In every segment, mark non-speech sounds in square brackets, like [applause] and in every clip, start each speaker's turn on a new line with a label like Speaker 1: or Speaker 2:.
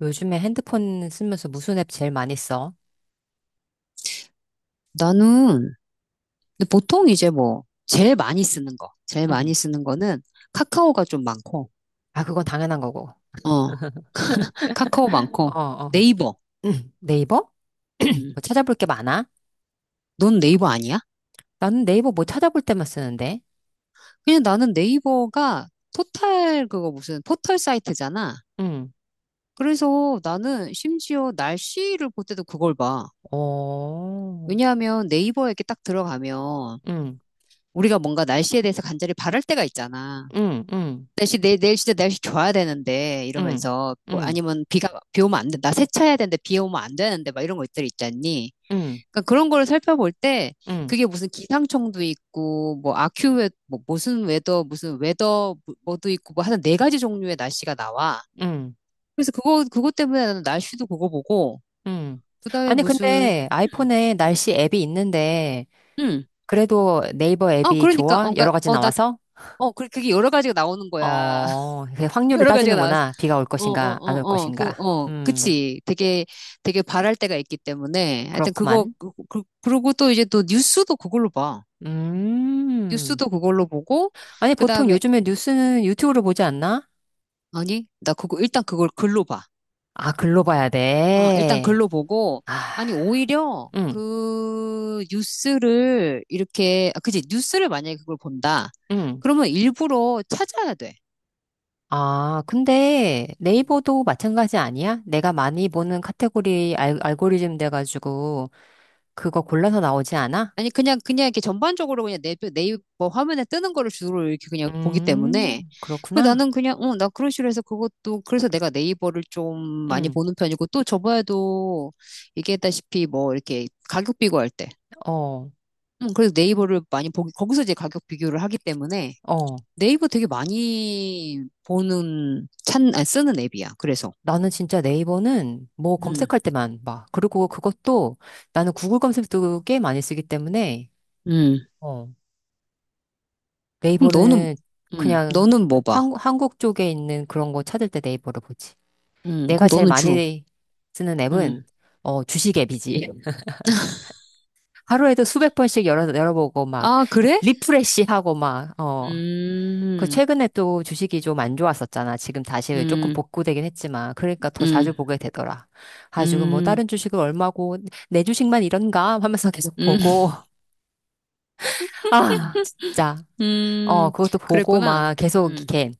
Speaker 1: 요즘에 핸드폰 쓰면서 무슨 앱 제일 많이 써?
Speaker 2: 나는 근데 보통 이제 뭐 제일 많이
Speaker 1: 응.
Speaker 2: 쓰는 거는 카카오가 좀 많고,
Speaker 1: 아, 그건 당연한 거고.
Speaker 2: 어, 카카오
Speaker 1: 어,
Speaker 2: 많고
Speaker 1: 어.
Speaker 2: 네이버.
Speaker 1: 응. 네이버?
Speaker 2: 음,
Speaker 1: 뭐 찾아볼 게 많아?
Speaker 2: 넌 네이버 아니야?
Speaker 1: 나는 네이버 뭐 찾아볼 때만 쓰는데.
Speaker 2: 그냥 나는 네이버가 포털 그거 무슨 포털 사이트잖아.
Speaker 1: 응.
Speaker 2: 그래서 나는 심지어 날씨를 볼 때도 그걸 봐.
Speaker 1: 어,
Speaker 2: 왜냐하면 네이버에 이렇게 딱 들어가면
Speaker 1: 응.
Speaker 2: 우리가 뭔가 날씨에 대해서 간절히 바랄 때가 있잖아.
Speaker 1: 응. 응.
Speaker 2: 날씨 내일 진짜 날씨 좋아야 되는데
Speaker 1: 응.
Speaker 2: 이러면서 뭐
Speaker 1: 응.
Speaker 2: 아니면 비가 비 오면 안 돼. 나 세차해야 되는데 비 오면 안 되는데 막 이런 것들 있잖니.
Speaker 1: 응.
Speaker 2: 그러니까 그런 거를 살펴볼 때
Speaker 1: 응.
Speaker 2: 그게 무슨 기상청도 있고 뭐 아큐웨 뭐 무슨 웨더 뭐, 뭐도 있고 뭐 하여튼 네 가지 종류의 날씨가 나와.
Speaker 1: 응.
Speaker 2: 그래서 그거 그것 때문에 나는 날씨도 그거 보고
Speaker 1: 응.
Speaker 2: 그다음에
Speaker 1: 아니,
Speaker 2: 무슨
Speaker 1: 근데
Speaker 2: 음,
Speaker 1: 아이폰에 날씨 앱이 있는데,
Speaker 2: 음.
Speaker 1: 그래도 네이버
Speaker 2: 어
Speaker 1: 앱이
Speaker 2: 그러니까
Speaker 1: 좋아?
Speaker 2: 어 그러니까
Speaker 1: 여러 가지 나와서?
Speaker 2: 어나어 그게 여러 가지가 나오는 거야. [laughs]
Speaker 1: 어, 그 확률을
Speaker 2: 여러 가지가 나와서
Speaker 1: 따지는구나. 비가 올
Speaker 2: 어, 어,
Speaker 1: 것인가, 안 올
Speaker 2: 어, 어, 그,
Speaker 1: 것인가.
Speaker 2: 어, 그치. 되게, 되게 바랄 때가 있기 때문에. 하여튼
Speaker 1: 그렇구만.
Speaker 2: 그러고 또 이제 또 뉴스도 그걸로 봐.
Speaker 1: 음.
Speaker 2: 뉴스도 그걸로 보고,
Speaker 1: 아니,
Speaker 2: 그
Speaker 1: 보통
Speaker 2: 다음에,
Speaker 1: 요즘에 뉴스는 유튜브로 보지 않나?
Speaker 2: 아니, 나 그거, 일단 그걸 글로 봐.
Speaker 1: 아, 글로 봐야
Speaker 2: 어, 일단
Speaker 1: 돼.
Speaker 2: 글로 보고,
Speaker 1: 아,
Speaker 2: 아니, 오히려
Speaker 1: 응,
Speaker 2: 그 뉴스를 이렇게, 아, 그치. 뉴스를 만약에 그걸 본다.
Speaker 1: 응.
Speaker 2: 그러면 일부러 찾아야 돼.
Speaker 1: 아, 근데 네이버도 마찬가지 아니야? 내가 많이 보는 카테고리 알, 알고리즘 돼가지고 그거 골라서 나오지 않아?
Speaker 2: 아니 그냥 이렇게 전반적으로 그냥 내 네이버 화면에 뜨는 거를 주로 이렇게 그냥 보기 때문에 그
Speaker 1: 그렇구나.
Speaker 2: 나는 그냥 나 그런 식으로 해서 그것도 그래서 내가 네이버를 좀 많이
Speaker 1: 응,
Speaker 2: 보는 편이고 또 저번에도 얘기했다시피 뭐 이렇게 가격 비교할 때
Speaker 1: 어,
Speaker 2: 그래서 네이버를 많이 보기 거기서 이제 가격 비교를 하기 때문에
Speaker 1: 어.
Speaker 2: 네이버 되게 많이 보는 쓰는 앱이야 그래서
Speaker 1: 나는 진짜 네이버는 뭐
Speaker 2: 음
Speaker 1: 검색할 때만 봐. 그리고 그것도 나는 구글 검색도 꽤 많이 쓰기 때문에,
Speaker 2: 음
Speaker 1: 어.
Speaker 2: 그럼 너는
Speaker 1: 네이버는
Speaker 2: 음
Speaker 1: 그냥
Speaker 2: 너는 뭐 봐?
Speaker 1: 한, 한국 쪽에 있는 그런 거 찾을 때 네이버를 보지. 내가
Speaker 2: 그럼
Speaker 1: 제일
Speaker 2: 너는 주로
Speaker 1: 많이 쓰는
Speaker 2: 음
Speaker 1: 앱은 어, 주식 앱이지. [laughs] 하루에도 수백 번씩 열어보고 막
Speaker 2: 아 그래?
Speaker 1: 리프레시하고 막 어. 그
Speaker 2: 음
Speaker 1: 최근에 또 주식이 좀 안 좋았었잖아. 지금 다시 조금
Speaker 2: 음,
Speaker 1: 복구되긴 했지만 그러니까 더 자주
Speaker 2: 음,
Speaker 1: 보게 되더라. 가지고 뭐
Speaker 2: 음,
Speaker 1: 다른 주식은 얼마고 내 주식만 이런가 하면서 계속
Speaker 2: 음,
Speaker 1: 보고 [laughs] 아 진짜.
Speaker 2: [laughs]
Speaker 1: 어,
Speaker 2: 음,
Speaker 1: 그것도 보고
Speaker 2: 그랬구나.
Speaker 1: 막 계속
Speaker 2: 음,
Speaker 1: 이렇게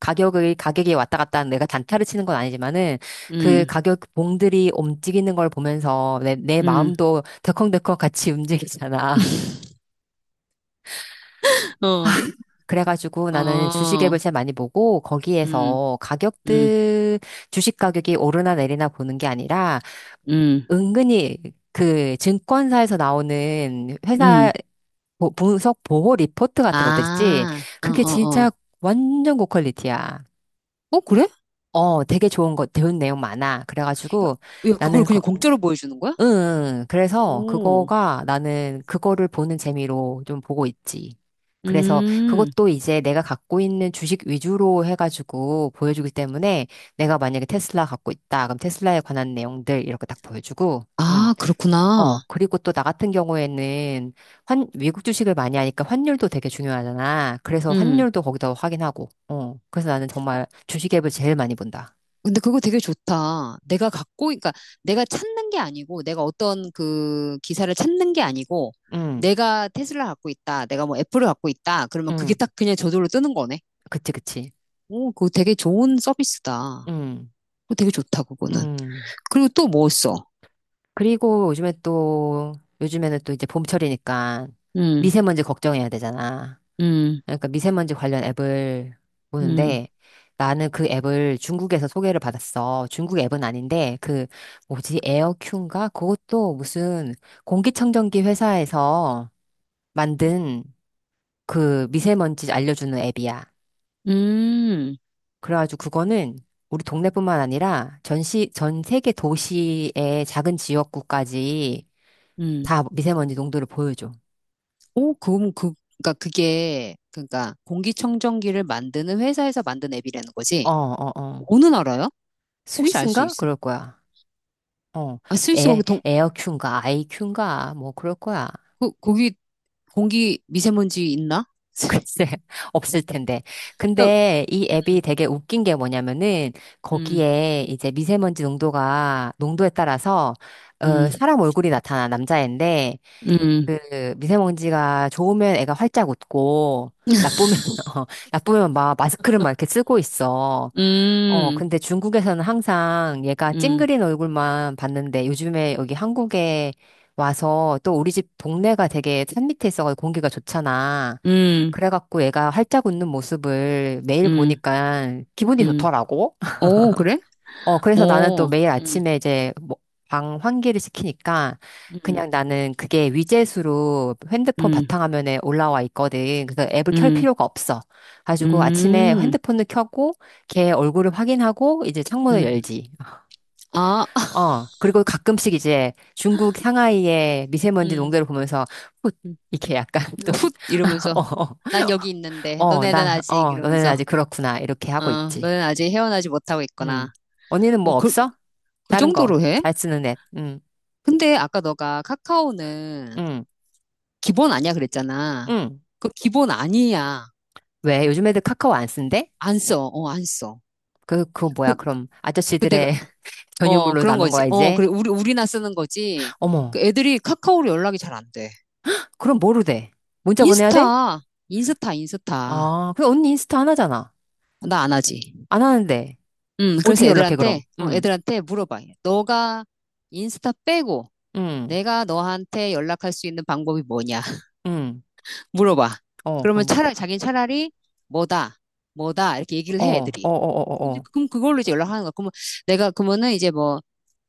Speaker 1: 가격이 왔다 갔다 하는 내가 단타를 치는 건 아니지만은 그
Speaker 2: 음,
Speaker 1: 가격 봉들이 움직이는 걸 보면서 내
Speaker 2: 음,
Speaker 1: 마음도 덜컹덜컹 같이 움직이잖아.
Speaker 2: [laughs] 어,
Speaker 1: [laughs] 그래가지고 나는 주식
Speaker 2: 어,
Speaker 1: 앱을 제일 많이 보고
Speaker 2: 음,
Speaker 1: 거기에서
Speaker 2: 음,
Speaker 1: 가격들, 주식 가격이 오르나 내리나 보는 게 아니라
Speaker 2: 음,
Speaker 1: 은근히 그 증권사에서 나오는 회사
Speaker 2: 음.
Speaker 1: 분석 보호 리포트 같은 것들 있지?
Speaker 2: 아, 어,
Speaker 1: 그게
Speaker 2: 어,
Speaker 1: 진짜
Speaker 2: 어.
Speaker 1: 완전 고퀄리티야.
Speaker 2: 어, 그래?
Speaker 1: 어, 되게 좋은 거, 배운 내용 많아. 그래가지고
Speaker 2: 야, 야,
Speaker 1: 나는,
Speaker 2: 그걸
Speaker 1: 거,
Speaker 2: 그냥 공짜로 보여주는 거야?
Speaker 1: 응, 응. 그래서
Speaker 2: 오,
Speaker 1: 그거가 나는 그거를 보는 재미로 좀 보고 있지. 그래서
Speaker 2: 음,
Speaker 1: 그것도 이제 내가 갖고 있는 주식 위주로 해가지고 보여주기 때문에 내가 만약에 테슬라 갖고 있다. 그럼 테슬라에 관한 내용들 이렇게 딱 보여주고, 응.
Speaker 2: 아,
Speaker 1: 어,
Speaker 2: 그렇구나.
Speaker 1: 그리고 또 나 같은 경우에는 환, 외국 주식을 많이 하니까 환율도 되게 중요하잖아. 그래서 환율도 거기다 확인하고, 어. 그래서 나는 정말 주식 앱을 제일 많이 본다.
Speaker 2: 근데 그거 되게 좋다. 내가 갖고, 그러니까 내가 찾는 게 아니고, 내가 어떤 그 기사를 찾는 게 아니고,
Speaker 1: 응.
Speaker 2: 내가 테슬라 갖고 있다. 내가 뭐 애플을 갖고 있다. 그러면
Speaker 1: 응,
Speaker 2: 그게 딱 그냥 저절로 뜨는 거네.
Speaker 1: 그치, 그치.
Speaker 2: 오, 그거 되게 좋은 서비스다.
Speaker 1: 응,
Speaker 2: 그거 되게 좋다, 그거는.
Speaker 1: 응.
Speaker 2: 그리고 또 뭐 써?
Speaker 1: 그리고 요즘에 또, 요즘에는 또 이제 봄철이니까
Speaker 2: 음,
Speaker 1: 미세먼지 걱정해야 되잖아.
Speaker 2: 음,
Speaker 1: 그러니까 미세먼지 관련 앱을
Speaker 2: 음,
Speaker 1: 보는데 나는 그 앱을 중국에서 소개를 받았어. 중국 앱은 아닌데 그 뭐지 에어큐인가? 그것도 무슨 공기청정기 회사에서 만든 그 미세먼지 알려주는 앱이야.
Speaker 2: 음,
Speaker 1: 그래가지고 그거는 우리 동네뿐만 아니라 전 세계 도시의 작은 지역구까지
Speaker 2: 음.
Speaker 1: 다 미세먼지 농도를 보여줘.
Speaker 2: 오, 그럼 그, 그러니까 그게, 그러니까 공기청정기를 만드는 회사에서 만든 앱이라는
Speaker 1: 어,
Speaker 2: 거지.
Speaker 1: 어, 어.
Speaker 2: 어느 나라야? 혹시 알 수
Speaker 1: 스위스인가?
Speaker 2: 있어?
Speaker 1: 그럴 거야. 어.
Speaker 2: 아, 스위스 거기
Speaker 1: 에,
Speaker 2: 동,
Speaker 1: 에어큐인가, 아이큐인가, 뭐 그럴 거야. [laughs]
Speaker 2: 거, 거기 공기 미세먼지 있나? [laughs]
Speaker 1: 글쎄, 없을 텐데. 근데 이 앱이 되게 웃긴 게 뭐냐면은
Speaker 2: 음,
Speaker 1: 거기에 이제 미세먼지 농도가, 농도에 따라서 어,
Speaker 2: 음,
Speaker 1: 사람 얼굴이 나타나, 남자애인데
Speaker 2: 음,
Speaker 1: 그 미세먼지가 좋으면 애가 활짝 웃고 나쁘면 [laughs] 어, 나쁘면 막 마스크를 막 이렇게 쓰고 있어. 어,
Speaker 2: 음, 음,
Speaker 1: 근데 중국에서는 항상 얘가
Speaker 2: 음,
Speaker 1: 찡그린 얼굴만 봤는데 요즘에 여기 한국에 와서 또 우리 집 동네가 되게 산 밑에 있어가지고 공기가 좋잖아.
Speaker 2: 음,
Speaker 1: 그래갖고 얘가 활짝 웃는 모습을 매일
Speaker 2: 음,
Speaker 1: 보니까 기분이
Speaker 2: 음.
Speaker 1: 좋더라고.
Speaker 2: 오, 그래?
Speaker 1: 어, 그래서 나는 또
Speaker 2: 오,
Speaker 1: 매일
Speaker 2: 음,
Speaker 1: 아침에 이제 방 환기를 시키니까
Speaker 2: 음,
Speaker 1: 그냥 나는 그게 위젯으로 핸드폰
Speaker 2: 음,
Speaker 1: 바탕화면에 올라와 있거든. 그래서 앱을 켤
Speaker 2: 음,
Speaker 1: 필요가 없어. 가지고 아침에
Speaker 2: 음,
Speaker 1: 핸드폰을 켜고 걔 얼굴을 확인하고 이제 창문을
Speaker 2: 음.
Speaker 1: 열지.
Speaker 2: 아, [laughs]
Speaker 1: 어, 그리고 가끔씩 이제 중국 상하이의 미세먼지
Speaker 2: 음,
Speaker 1: 농도를 보면서 훗
Speaker 2: 음.
Speaker 1: 이렇게 약간 [laughs] 좀,
Speaker 2: 훗
Speaker 1: [laughs] 어,
Speaker 2: 이러면서
Speaker 1: 어,
Speaker 2: 난 여기 있는데
Speaker 1: 어,
Speaker 2: 너네는
Speaker 1: 나,
Speaker 2: 아직
Speaker 1: 어, 너네는
Speaker 2: 이러면서
Speaker 1: 아직 그렇구나. 이렇게
Speaker 2: 어,
Speaker 1: 하고 있지.
Speaker 2: 너네는 아직 헤어나지 못하고 있거나
Speaker 1: 응. 언니는
Speaker 2: 어,
Speaker 1: 뭐
Speaker 2: 그,
Speaker 1: 없어?
Speaker 2: 그
Speaker 1: 다른 거,
Speaker 2: 정도로 해?
Speaker 1: 잘 쓰는 앱. 응,
Speaker 2: 근데 아까 너가 카카오는
Speaker 1: 응,
Speaker 2: 기본 아니야 그랬잖아.
Speaker 1: 응.
Speaker 2: 그 기본 아니야.
Speaker 1: 왜? 요즘 애들 카카오 안 쓴대?
Speaker 2: 안 써. 어, 안 써.
Speaker 1: 그거 뭐야?
Speaker 2: 그,
Speaker 1: 그럼
Speaker 2: 그 내가,
Speaker 1: 아저씨들의 [laughs]
Speaker 2: 어,
Speaker 1: 전유물로
Speaker 2: 그런
Speaker 1: 남은
Speaker 2: 거지.
Speaker 1: 거야,
Speaker 2: 어,
Speaker 1: 이제?
Speaker 2: 그래. 우리나 쓰는 거지. 그
Speaker 1: 어머,
Speaker 2: 애들이 카카오로 연락이 잘 안 돼.
Speaker 1: 그럼 뭐로 돼? 문자 보내야 돼?
Speaker 2: 인스타, 인스타, 인스타.
Speaker 1: 아, 그 언니 인스타 안 하잖아.
Speaker 2: 나 안 하지.
Speaker 1: 안 하는데.
Speaker 2: 그래서
Speaker 1: 어떻게 연락해,
Speaker 2: 애들한테,
Speaker 1: 그럼?
Speaker 2: 어,
Speaker 1: 응,
Speaker 2: 애들한테 물어봐. 너가 인스타 빼고
Speaker 1: 응,
Speaker 2: 내가 너한테 연락할 수 있는 방법이 뭐냐? [laughs]
Speaker 1: 응.
Speaker 2: 물어봐.
Speaker 1: 어,
Speaker 2: 그러면
Speaker 1: 그럼,
Speaker 2: 차라리, 자기는 차라리 뭐다, 뭐다, 이렇게 얘기를
Speaker 1: 어,
Speaker 2: 해,
Speaker 1: 어, 어, 어,
Speaker 2: 애들이.
Speaker 1: 어,
Speaker 2: 그럼,
Speaker 1: 어.
Speaker 2: 그럼 그걸로 이제 연락하는 거야. 그러면 내가, 그러면은 이제 뭐,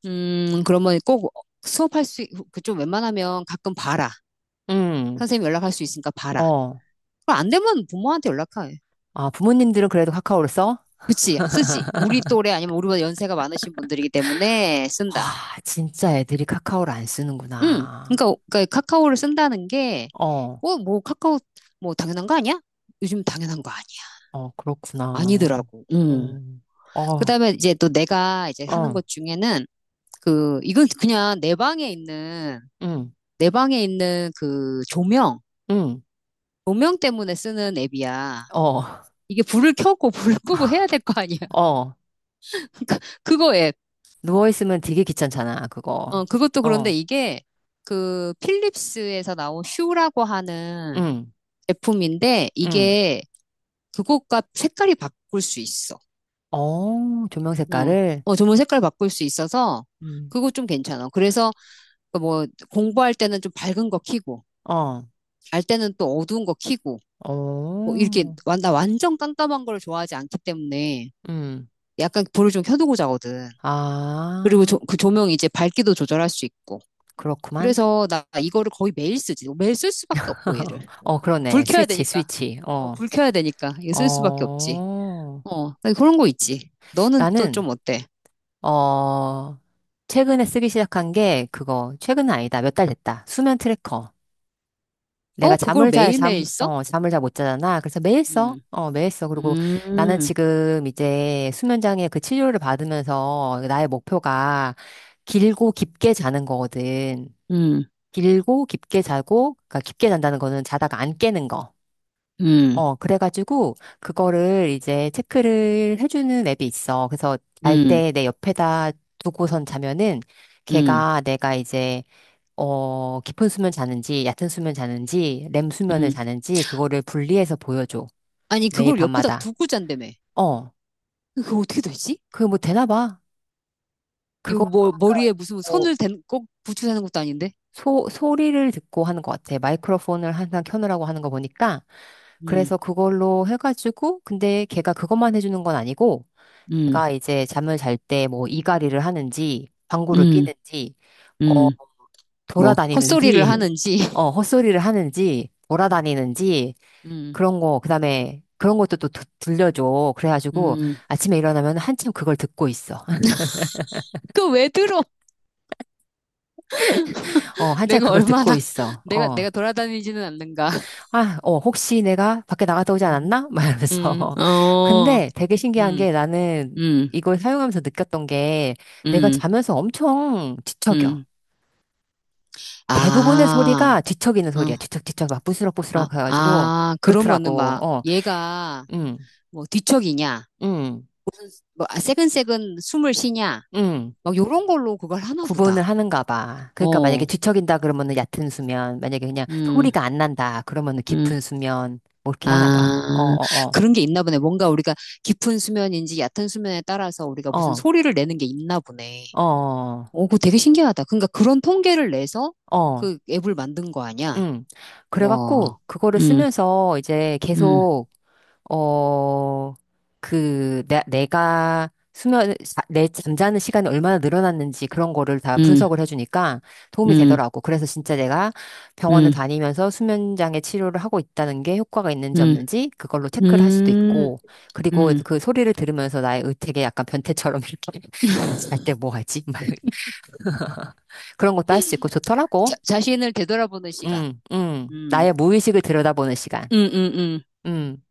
Speaker 2: 그러면 꼭 수업할 수, 그 좀 웬만하면 가끔 봐라.
Speaker 1: 응,
Speaker 2: 선생님 연락할 수 있으니까 봐라.
Speaker 1: 어.
Speaker 2: 그럼 안 되면 부모한테 연락해.
Speaker 1: 아, 부모님들은 그래도 카카오를 써?
Speaker 2: 그치, 쓰지. 우리 또래 아니면 우리보다 연세가 많으신 분들이기 때문에 쓴다.
Speaker 1: 와, 진짜 애들이 카카오를 안
Speaker 2: 응.
Speaker 1: 쓰는구나.
Speaker 2: 그러니까, 그러니까 카카오를 쓴다는 게,
Speaker 1: 어.
Speaker 2: 어, 뭐 카카오, 뭐 당연한 거 아니야? 요즘 당연한 거 아니야.
Speaker 1: 어, 그렇구나.
Speaker 2: 아니더라고. 응.
Speaker 1: 음, 어,
Speaker 2: 그다음에 이제 또 내가 이제 하는
Speaker 1: 어,
Speaker 2: 것 중에는 그, 이건 그냥 내 방에 있는,
Speaker 1: 응,
Speaker 2: 내 방에 있는 그 조명,
Speaker 1: 응,
Speaker 2: 조명 때문에 쓰는 앱이야.
Speaker 1: 어,
Speaker 2: 이게 불을 켜고 [laughs] 불을 끄고 해야
Speaker 1: [laughs]
Speaker 2: 될 거 아니야.
Speaker 1: 어.
Speaker 2: [laughs] 그거 앱.
Speaker 1: 누워있으면 되게 귀찮잖아, 그거.
Speaker 2: 어, 그것도 그런데
Speaker 1: 어,
Speaker 2: 이게 그 필립스에서 나온 슈라고 하는
Speaker 1: 응,
Speaker 2: 제품인데
Speaker 1: 응.
Speaker 2: 이게 그것과 색깔이 바꿀 수 있어.
Speaker 1: 어, 조명
Speaker 2: 어,
Speaker 1: 색깔을?
Speaker 2: 어, 조명 색깔 바꿀 수 있어서
Speaker 1: 음.
Speaker 2: 그거 좀 괜찮아. 그래서 그 뭐 공부할 때는 좀 밝은 거 켜고
Speaker 1: 어,
Speaker 2: 잘 때는 또 어두운 거 켜고 뭐 이렇게
Speaker 1: 어,
Speaker 2: 나 완전 깜깜한 걸 좋아하지 않기 때문에
Speaker 1: 음.
Speaker 2: 약간 불을 좀 켜두고 자거든. 그리고
Speaker 1: 아,
Speaker 2: 조, 그 조명이 이제 밝기도 조절할 수 있고.
Speaker 1: 그렇구만.
Speaker 2: 그래서 나 이거를 거의 매일 쓰지. 뭐 매일 쓸 수밖에 없고
Speaker 1: [laughs]
Speaker 2: 얘를.
Speaker 1: 어,
Speaker 2: 불
Speaker 1: 그러네.
Speaker 2: 켜야
Speaker 1: 스위치,
Speaker 2: 되니까.
Speaker 1: 스위치.
Speaker 2: 어,
Speaker 1: 어,
Speaker 2: 불 켜야 되니까. 이거 쓸 수밖에 없지.
Speaker 1: 어.
Speaker 2: 어, 나 그런 거 있지. 너는 또
Speaker 1: 나는,
Speaker 2: 좀 어때?
Speaker 1: 어, 최근에 쓰기 시작한 게 그거, 최근 아니다. 몇 달 됐다. 수면 트래커. 내가
Speaker 2: 어, 그걸
Speaker 1: 잠을 잘
Speaker 2: 매일매일
Speaker 1: 잠,
Speaker 2: 써?
Speaker 1: 어, 잠을 잘 못 자잖아. 그래서 매일 써.
Speaker 2: 음,
Speaker 1: 어, 매일 써. 그리고 나는
Speaker 2: 음,
Speaker 1: 지금 이제 수면장애 그 치료를 받으면서 나의 목표가 길고 깊게 자는 거거든.
Speaker 2: 음,
Speaker 1: 길고 깊게 자고, 그러니까 깊게 잔다는 거는 자다가 안 깨는 거.
Speaker 2: 음,
Speaker 1: 어, 그래가지고 그거를 이제 체크를 해주는 앱이 있어. 그래서 잘
Speaker 2: 음,
Speaker 1: 때 내 옆에다 두고선 자면은
Speaker 2: 음,
Speaker 1: 걔가 내가 이제 어, 깊은 수면 자는지, 얕은 수면 자는지, 렘 수면을
Speaker 2: 음.
Speaker 1: 자는지, 그거를 분리해서 보여줘.
Speaker 2: 아니,
Speaker 1: 매일
Speaker 2: 그걸 옆에다
Speaker 1: 밤마다.
Speaker 2: 두고 잔다며.
Speaker 1: 어,
Speaker 2: 그거 어떻게 되지?
Speaker 1: 그게 뭐 되나 봐.
Speaker 2: 이거
Speaker 1: 그거,
Speaker 2: 뭐,
Speaker 1: 그러니까,
Speaker 2: 머리에 무슨
Speaker 1: 뭐,
Speaker 2: 선을 댄, 꼭 붙여 사는 것도 아닌데?
Speaker 1: 소리를 듣고 하는 것 같아. 마이크로폰을 항상 켜놓으라고 하는 거 보니까.
Speaker 2: 음,
Speaker 1: 그래서 그걸로 해가지고, 근데 걔가 그것만 해주는 건 아니고,
Speaker 2: 음,
Speaker 1: 걔가 이제 잠을 잘 때 뭐 이갈이를 하는지, 방구를
Speaker 2: 음,
Speaker 1: 끼는지, 어,
Speaker 2: 음. 뭐,
Speaker 1: 돌아다니는지,
Speaker 2: 헛소리를
Speaker 1: [laughs]
Speaker 2: 하는지.
Speaker 1: 어,
Speaker 2: [laughs]
Speaker 1: 헛소리를 하는지, 돌아다니는지,
Speaker 2: 음.
Speaker 1: 그런 거, 그다음에 그런 것도 또 들려줘. 그래가지고
Speaker 2: 음,
Speaker 1: 아침에 일어나면 한참 그걸 듣고 있어. [laughs]
Speaker 2: 그 왜 들어?
Speaker 1: 어, 한참
Speaker 2: 내가
Speaker 1: 그걸 듣고
Speaker 2: 얼마나, [laughs]
Speaker 1: 있어.
Speaker 2: 내가,
Speaker 1: 어,
Speaker 2: 내가 돌아다니지는 않는가.
Speaker 1: 아, 어, 혹시 내가 밖에 나갔다 오지
Speaker 2: 음,
Speaker 1: 않았나? 막 이러면서. [laughs]
Speaker 2: 어,
Speaker 1: 근데 되게 신기한
Speaker 2: 음,
Speaker 1: 게 나는
Speaker 2: 음,
Speaker 1: 이걸 사용하면서 느꼈던 게 내가
Speaker 2: 음,
Speaker 1: 자면서 엄청 뒤척여.
Speaker 2: 음.
Speaker 1: 대부분의
Speaker 2: 아,
Speaker 1: 소리가 뒤척이는
Speaker 2: 응,
Speaker 1: 소리야. 뒤척뒤척 막
Speaker 2: 아,
Speaker 1: 부스럭부스럭 해가지고
Speaker 2: 아, 그러면은
Speaker 1: 그렇더라고.
Speaker 2: 막,
Speaker 1: 어,
Speaker 2: 얘가
Speaker 1: 음,
Speaker 2: 뭐 뒤척이냐,
Speaker 1: 음,
Speaker 2: 뭐 아, 새근새근 숨을 쉬냐,
Speaker 1: 음.
Speaker 2: 막 요런 걸로 그걸 하나 보다.
Speaker 1: 구분을 하는가 봐. 그러니까 만약에
Speaker 2: 어,
Speaker 1: 뒤척인다 그러면은 얕은 수면, 만약에 그냥
Speaker 2: 음,
Speaker 1: 소리가 안 난다 그러면은
Speaker 2: 음.
Speaker 1: 깊은 수면, 뭐 이렇게 하나 봐. 어,
Speaker 2: 아,
Speaker 1: 어,
Speaker 2: 그런 게 있나 보네. 뭔가 우리가 깊은 수면인지 얕은 수면에 따라서 우리가
Speaker 1: 어,
Speaker 2: 무슨
Speaker 1: 어,
Speaker 2: 소리를 내는 게 있나 보네.
Speaker 1: 어, 어,
Speaker 2: 오, 그거 되게 신기하다. 그러니까 그런 통계를 내서
Speaker 1: 어,
Speaker 2: 그 앱을 만든 거 아니야?
Speaker 1: 응.
Speaker 2: 와.
Speaker 1: 그래갖고 그거를
Speaker 2: 음,
Speaker 1: 쓰면서 이제
Speaker 2: 음,
Speaker 1: 계속 어, 그, 내가 수면, 내 잠자는 시간이 얼마나 늘어났는지 그런 거를 다
Speaker 2: 음,
Speaker 1: 분석을 해주니까 도움이
Speaker 2: 음,
Speaker 1: 되더라고. 그래서 진짜 내가 병원을
Speaker 2: 음,
Speaker 1: 다니면서 수면장애 치료를 하고 있다는 게 효과가 있는지
Speaker 2: 음,
Speaker 1: 없는지 그걸로 체크를 할 수도
Speaker 2: 음,
Speaker 1: 있고, 그리고
Speaker 2: 음.
Speaker 1: 그 소리를 들으면서 나의 의택에 약간 변태처럼 [laughs] 이렇게 잘때 뭐 하지? 막 [laughs] 그런 것도 할 수 있고 좋더라고.
Speaker 2: 자, 자신을 되돌아보는 시간. 음,
Speaker 1: 나의 무의식을 들여다보는 시간.
Speaker 2: 음, 음, 음.
Speaker 1: 응.